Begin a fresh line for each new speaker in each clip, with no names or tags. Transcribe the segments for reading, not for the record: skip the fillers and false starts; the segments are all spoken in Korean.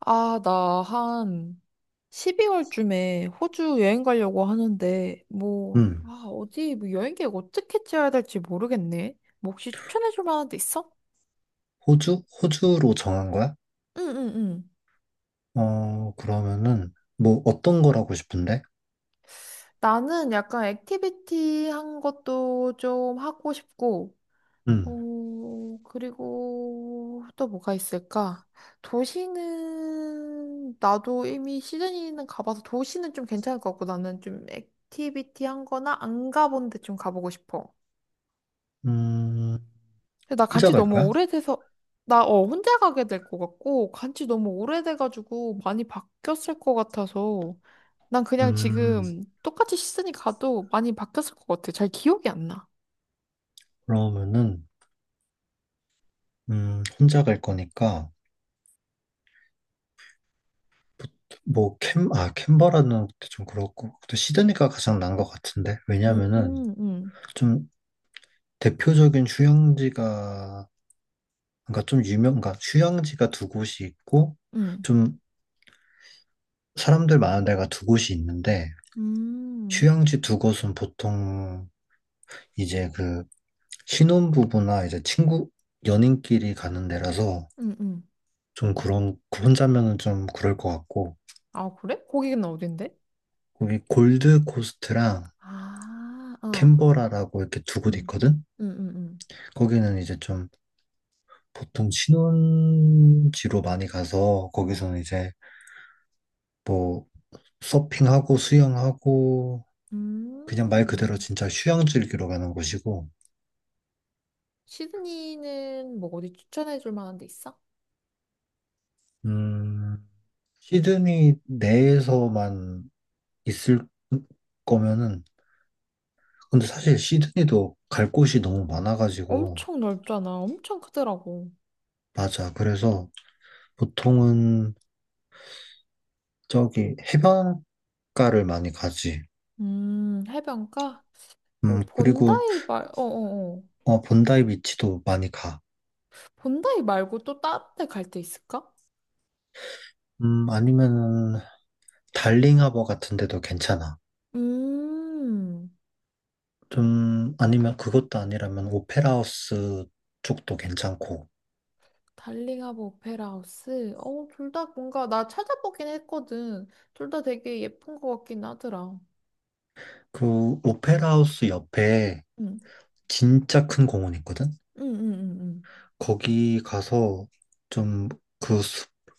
아, 나 한 12월쯤에 호주 여행 가려고 하는데, 뭐,
음,
아, 어디, 뭐 여행 계획 어떻게 짜야 될지 모르겠네. 뭐 혹시 추천해줄 만한 데 있어?
호주? 호주로 정한 거야?
응, 응, 응.
어, 그러면은, 뭐, 어떤 걸 하고 싶은데?
나는 약간 액티비티 한 것도 좀 하고 싶고,
음,
어, 그리고 또 뭐가 있을까? 도시는, 나도 이미 시드니는 가봐서 도시는 좀 괜찮을 것 같고, 나는 좀 액티비티 한 거나 안 가본 데 좀 가보고 싶어.
음,
근데 나
혼자
간지
갈
너무
거야?
오래돼서 나 혼자 가게 될 것 같고 간지 너무 오래돼가지고 많이 바뀌었을 것 같아서 난 그냥
음,
지금 똑같이 시즌이 가도 많이 바뀌었을 것 같아. 잘 기억이 안 나.
그러면은, 혼자 갈 거니까, 뭐, 캔버라는 것도 좀 그렇고, 또 시드니가 가장 나은 것 같은데?
음,
왜냐면은,
음, 음,
좀 대표적인 휴양지가, 그러니까 그러니까 휴양지가 두 곳이 있고,
음,
좀 사람들 많은 데가 두 곳이 있는데,
음,
휴양지 두 곳은 보통 이제 그 신혼부부나 이제 친구, 연인끼리 가는 데라서
음.
좀 그런, 그 혼자면은 좀 그럴 것 같고,
아, 그래? 거기는 어딘데?
거기 골드코스트랑
아, 어,
캔버라라고 이렇게 두 곳
음,
있거든?
음, 음, 음,
거기는 이제 좀 보통 신혼지로 많이 가서 거기서는 이제 뭐 서핑하고 수영하고 그냥 말 그대로
음.
진짜 휴양 즐기러 가는 곳이고,
시드니는 뭐 어디 추천해줄 만한 데 있어?
음, 시드니 내에서만 있을 거면은 근데 사실 시드니도 갈 곳이 너무 많아가지고,
엄청 넓잖아. 엄청 크더라고.
맞아. 그래서 보통은 저기 해변가를 많이 가지.
해변가? 뭐,
그리고
본다이 말, 어어어.
어, 본다이 비치도 많이 가.
본다이 말고 또 다른 데 갈 데 있을까?
아니면은 달링 하버 같은 데도 괜찮아.
음,
좀, 아니면 그것도 아니라면 오페라 하우스 쪽도 괜찮고.
달링하고 오페라 하우스. 어, 둘 다 뭔가, 나 찾아보긴 했거든. 둘 다 되게 예쁜 것 같긴 하더라.
그 오페라 하우스 옆에
응,
진짜 큰 공원 있거든?
응, 응, 응, 응.
거기 가서 좀 그,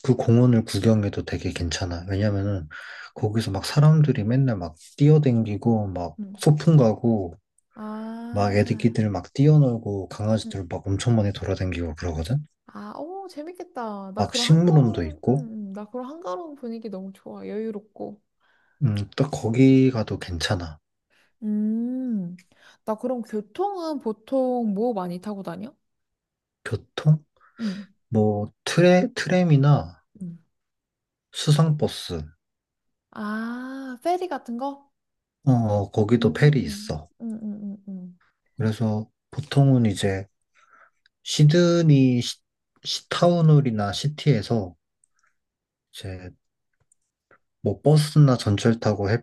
그 공원을 구경해도 되게 괜찮아. 왜냐면은 거기서 막 사람들이 맨날 막 뛰어댕기고 막
응.
소풍 가고 막
아,
애기들 막 뛰어놀고
응.
강아지들 막 엄청 많이 돌아댕기고 그러거든.
아, 오, 재밌겠다. 나
막
그런
식물원도
한가로운, 응,
있고,
응. 나 그런 한가로운 분위기 너무 좋아. 여유롭고.
딱 거기 가도 괜찮아.
음, 나 그럼 교통은 보통 뭐 많이 타고 다녀?
교통?
응.
뭐 트램이나
응,
수상버스,
아, 페리 같은 거?
어, 거기도 페리
음.
있어.
응, 응, 응, 응.
그래서 보통은 이제 시드니 시타운홀이나 시티에서 이제 뭐 버스나 전철 타고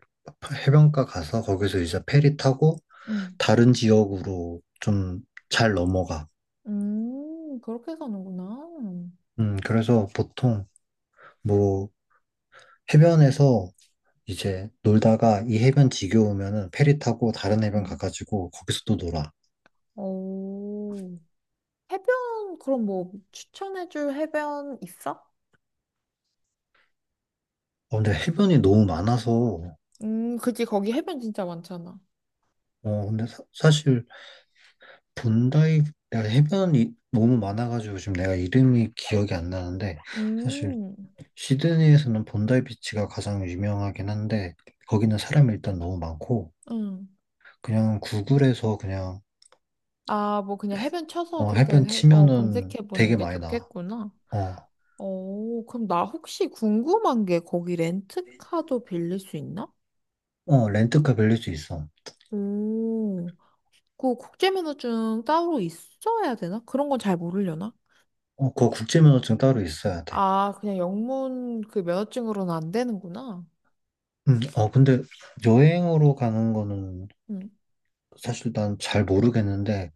해변가 가서 거기서 이제 페리 타고
응.
다른 지역으로 좀 잘 넘어가.
그렇게 사는구나.
그래서 보통 뭐 해변에서 이제 놀다가 이 해변 지겨우면은 페리 타고 다른 해변
응.
가가지고 거기서 또 놀아.
오. 해변, 그럼 뭐 추천해줄 해변 있어?
어, 근데 해변이 너무 많아서
그치. 거기 해변 진짜 많잖아.
어, 근데 사실 본다이 내가 해변이 너무 많아가지고 지금 내가 이름이 기억이 안 나는데 사실
음,
시드니에서는 본다이 비치가 가장 유명하긴 한데 거기는 사람이 일단 너무 많고
응.
그냥 구글에서 그냥
아, 뭐 그냥 해변 쳐서
어,
그렇게
해변
해, 어,
치면은
검색해보는
되게
게
많이 나와.
좋겠구나.
어,
오, 그럼 나 혹시 궁금한 게 거기 렌트카도 빌릴 수 있나?
어 렌트카 빌릴 수 있어.
오, 그 국제 면허증 따로 있어야 되나? 그런 건 잘 모르려나?
어, 그거 국제면허증 따로 있어야 돼.
아, 그냥 영문 그 면허증으로는 안 되는구나.
어 근데 여행으로 가는 거는
음,
사실 난 잘 모르겠는데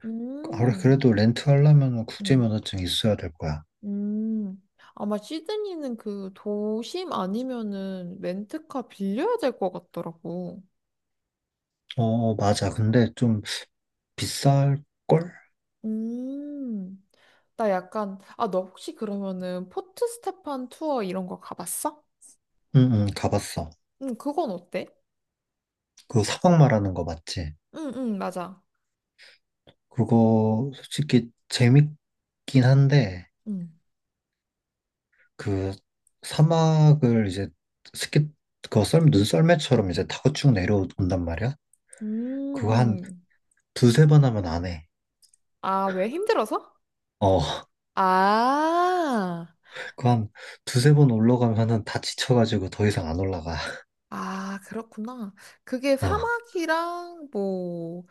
아,
음,
그래도 렌트하려면
음,
국제면허증 있어야 될 거야.
음. 아마 시드니는 그 도심 아니면은 렌트카 빌려야 될 것 같더라고.
어, 어, 맞아. 근데 좀 비쌀걸?
음, 나 약간, 아, 너 혹시 그러면은 포트 스테판 투어 이런 거 가봤어?
응, 응, 가봤어.
응, 그건 어때?
그 사막 말하는 거 맞지?
응, 응, 맞아.
그거 솔직히 재밌긴 한데,
응,
그 사막을 이제 스키, 그거 눈썰매처럼 이제 타고 쭉 내려온단 말이야?
음,
그거 한
음.
두세 번 하면 안 해.
아, 왜 힘들어서?
어,
아,
그거 한 두세 번 올라가면은 다 지쳐가지고 더 이상 안 올라가.
아, 그렇구나. 그게
어,
사막이랑 뭐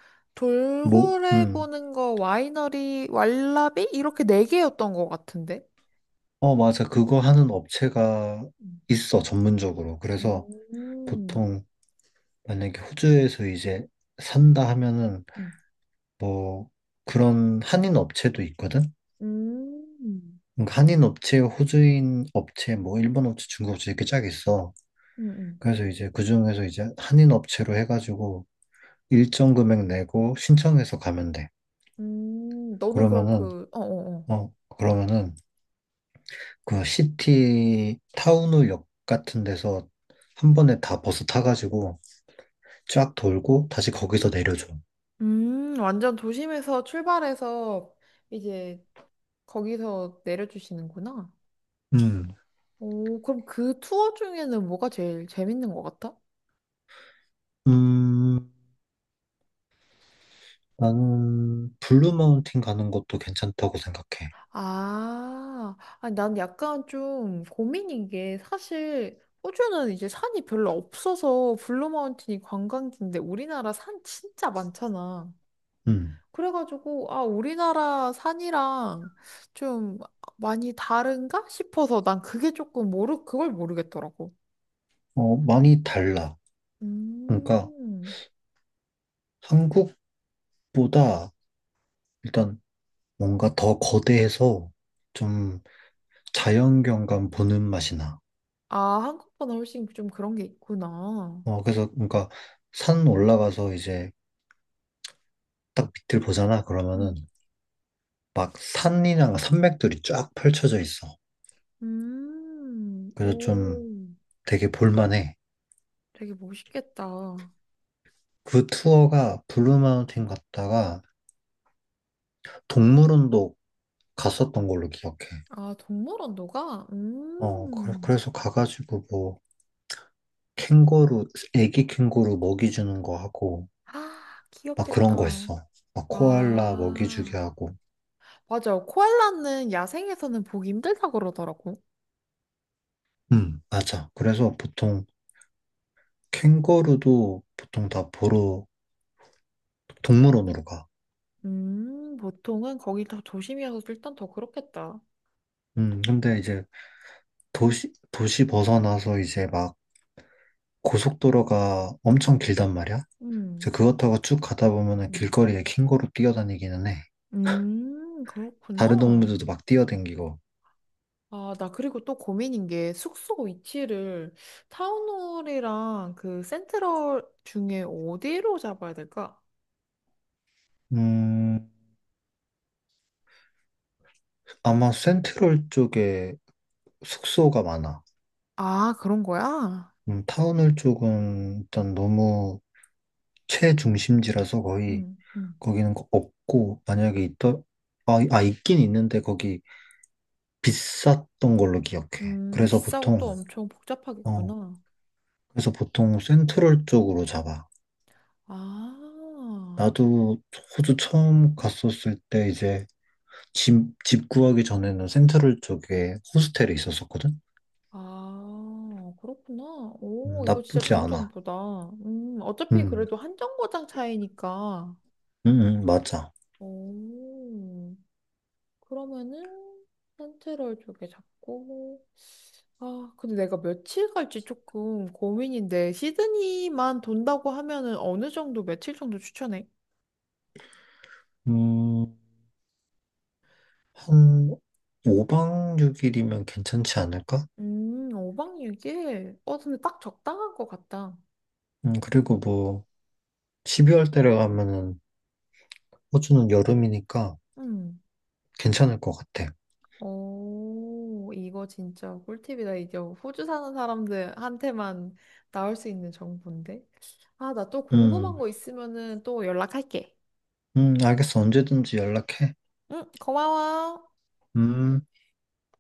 뭐,
돌고래 보는 거, 와이너리, 왈라비 이렇게 네 개였던 것 같은데.
어, 맞아. 그거 하는 업체가
음,
있어, 전문적으로. 그래서
음,
보통 만약에 호주에서 이제 산다 하면은
음,
뭐 그런 한인 업체도 있거든?
음,
그러니까 한인 업체, 호주인 업체, 뭐 일본 업체, 중국 업체 이렇게 쫙 있어.
음,
그래서 이제 그중에서 이제 한인 업체로 해가지고 일정 금액 내고 신청해서 가면 돼.
너는 그럼
그러면은,
그, 어, 어, 어.
그러면은 그 시티 타운홀역 같은 데서 한 번에 다 버스 타가지고 쫙 돌고 다시 거기서 내려줘.
완전 도심에서 출발해서 이제 거기서 내려주시는구나.
음.
오, 그럼 그 투어 중에는 뭐가 제일 재밌는 것 같아?
음. 나는 블루 마운틴 가는 것도 괜찮다고 생각해.
아, 아니, 난 약간 좀 고민인 게 사실 호주는 이제 산이 별로 없어서 블루마운틴이 관광지인데 우리나라 산 진짜 많잖아.
음.
그래가지고 아, 우리나라 산이랑 좀 많이 다른가 싶어서 난 그게 조금 모르 그걸 모르겠더라고.
어, 많이 달라. 그러니까
음.
한국보다 일단 뭔가 더 거대해서 좀 자연경관 보는 맛이 나.
아, 한국보다 훨씬 좀 그런 게 있구나.
어, 그래서 그러니까 산 올라가서 이제 딱 밑을 보잖아.
음.
그러면은 막 산이랑 산맥들이 쫙 펼쳐져 있어.
음.
그래서 좀
오,
되게 볼만해.
되게 멋있겠다.
그 투어가 블루 마운틴 갔다가 동물원도 갔었던 걸로 기억해.
아, 동물원도가?
어,
음.
그래서 가가지고 뭐, 캥거루, 애기 캥거루 먹이 주는 거 하고,
아,
막 그런 거
귀엽겠다.
했어. 막 코알라 먹이 주게
아,
하고.
맞아요. 코알라는 야생에서는 보기 힘들다 그러더라고.
맞아. 그래서 보통 캥거루도 보통 다 보러, 동물원으로 가.
보통은 거기 더 조심이어서 일단 더 그렇겠다.
근데 이제 도시 벗어나서 이제 막 고속도로가 엄청 길단 말이야. 그래
음,
그것 타고 쭉 가다 보면은
음.
길거리에 캥거루 뛰어다니기는 해. 다른
그렇구나.
동물들도 막 뛰어다니고.
아, 나 그리고 또 고민인 게 숙소 위치를 타운홀이랑 그 센트럴 중에 어디로 잡아야 될까?
음, 아마 센트럴 쪽에 숙소가 많아.
아, 그런 거야?
타운홀 쪽은 일단 너무 최중심지라서 거의
음, 음.
거기는 없고 만약에 있더 아, 아 있긴 있는데 거기 비쌌던 걸로 기억해. 그래서
비싸고
보통
또 엄청
어
복잡하겠구나.
그래서 보통 센트럴 쪽으로 잡아.
아,
나도 호주 처음 갔었을 때 이제 집 구하기 전에는 센트럴 쪽에 호스텔에 있었었거든.
아, 그렇구나. 오, 이거 진짜
나쁘지
좋은
않아.
정보다. 어차피
음,
그래도 한 정거장 차이니까.
맞아.
오, 그러면은 센트럴 쪽에 잡고. 아, 근데 내가 며칠 갈지 조금 고민인데, 시드니만 돈다고 하면은 어느 정도, 며칠 정도 추천해?
음, 한 5박 6일이면 괜찮지 않을까?
5박 6일 어, 근데 딱 적당한 것 같다.
그리고 뭐 12월 달에 가면은 호주는 여름이니까
음.
괜찮을 것 같아.
오, 이거 진짜 꿀팁이다. 이게 호주 사는 사람들한테만 나올 수 있는 정보인데. 아, 나 또 궁금한
음,
거 있으면은 또 연락할게.
알겠어. 언제든지 연락해.
응, 고마워.
음.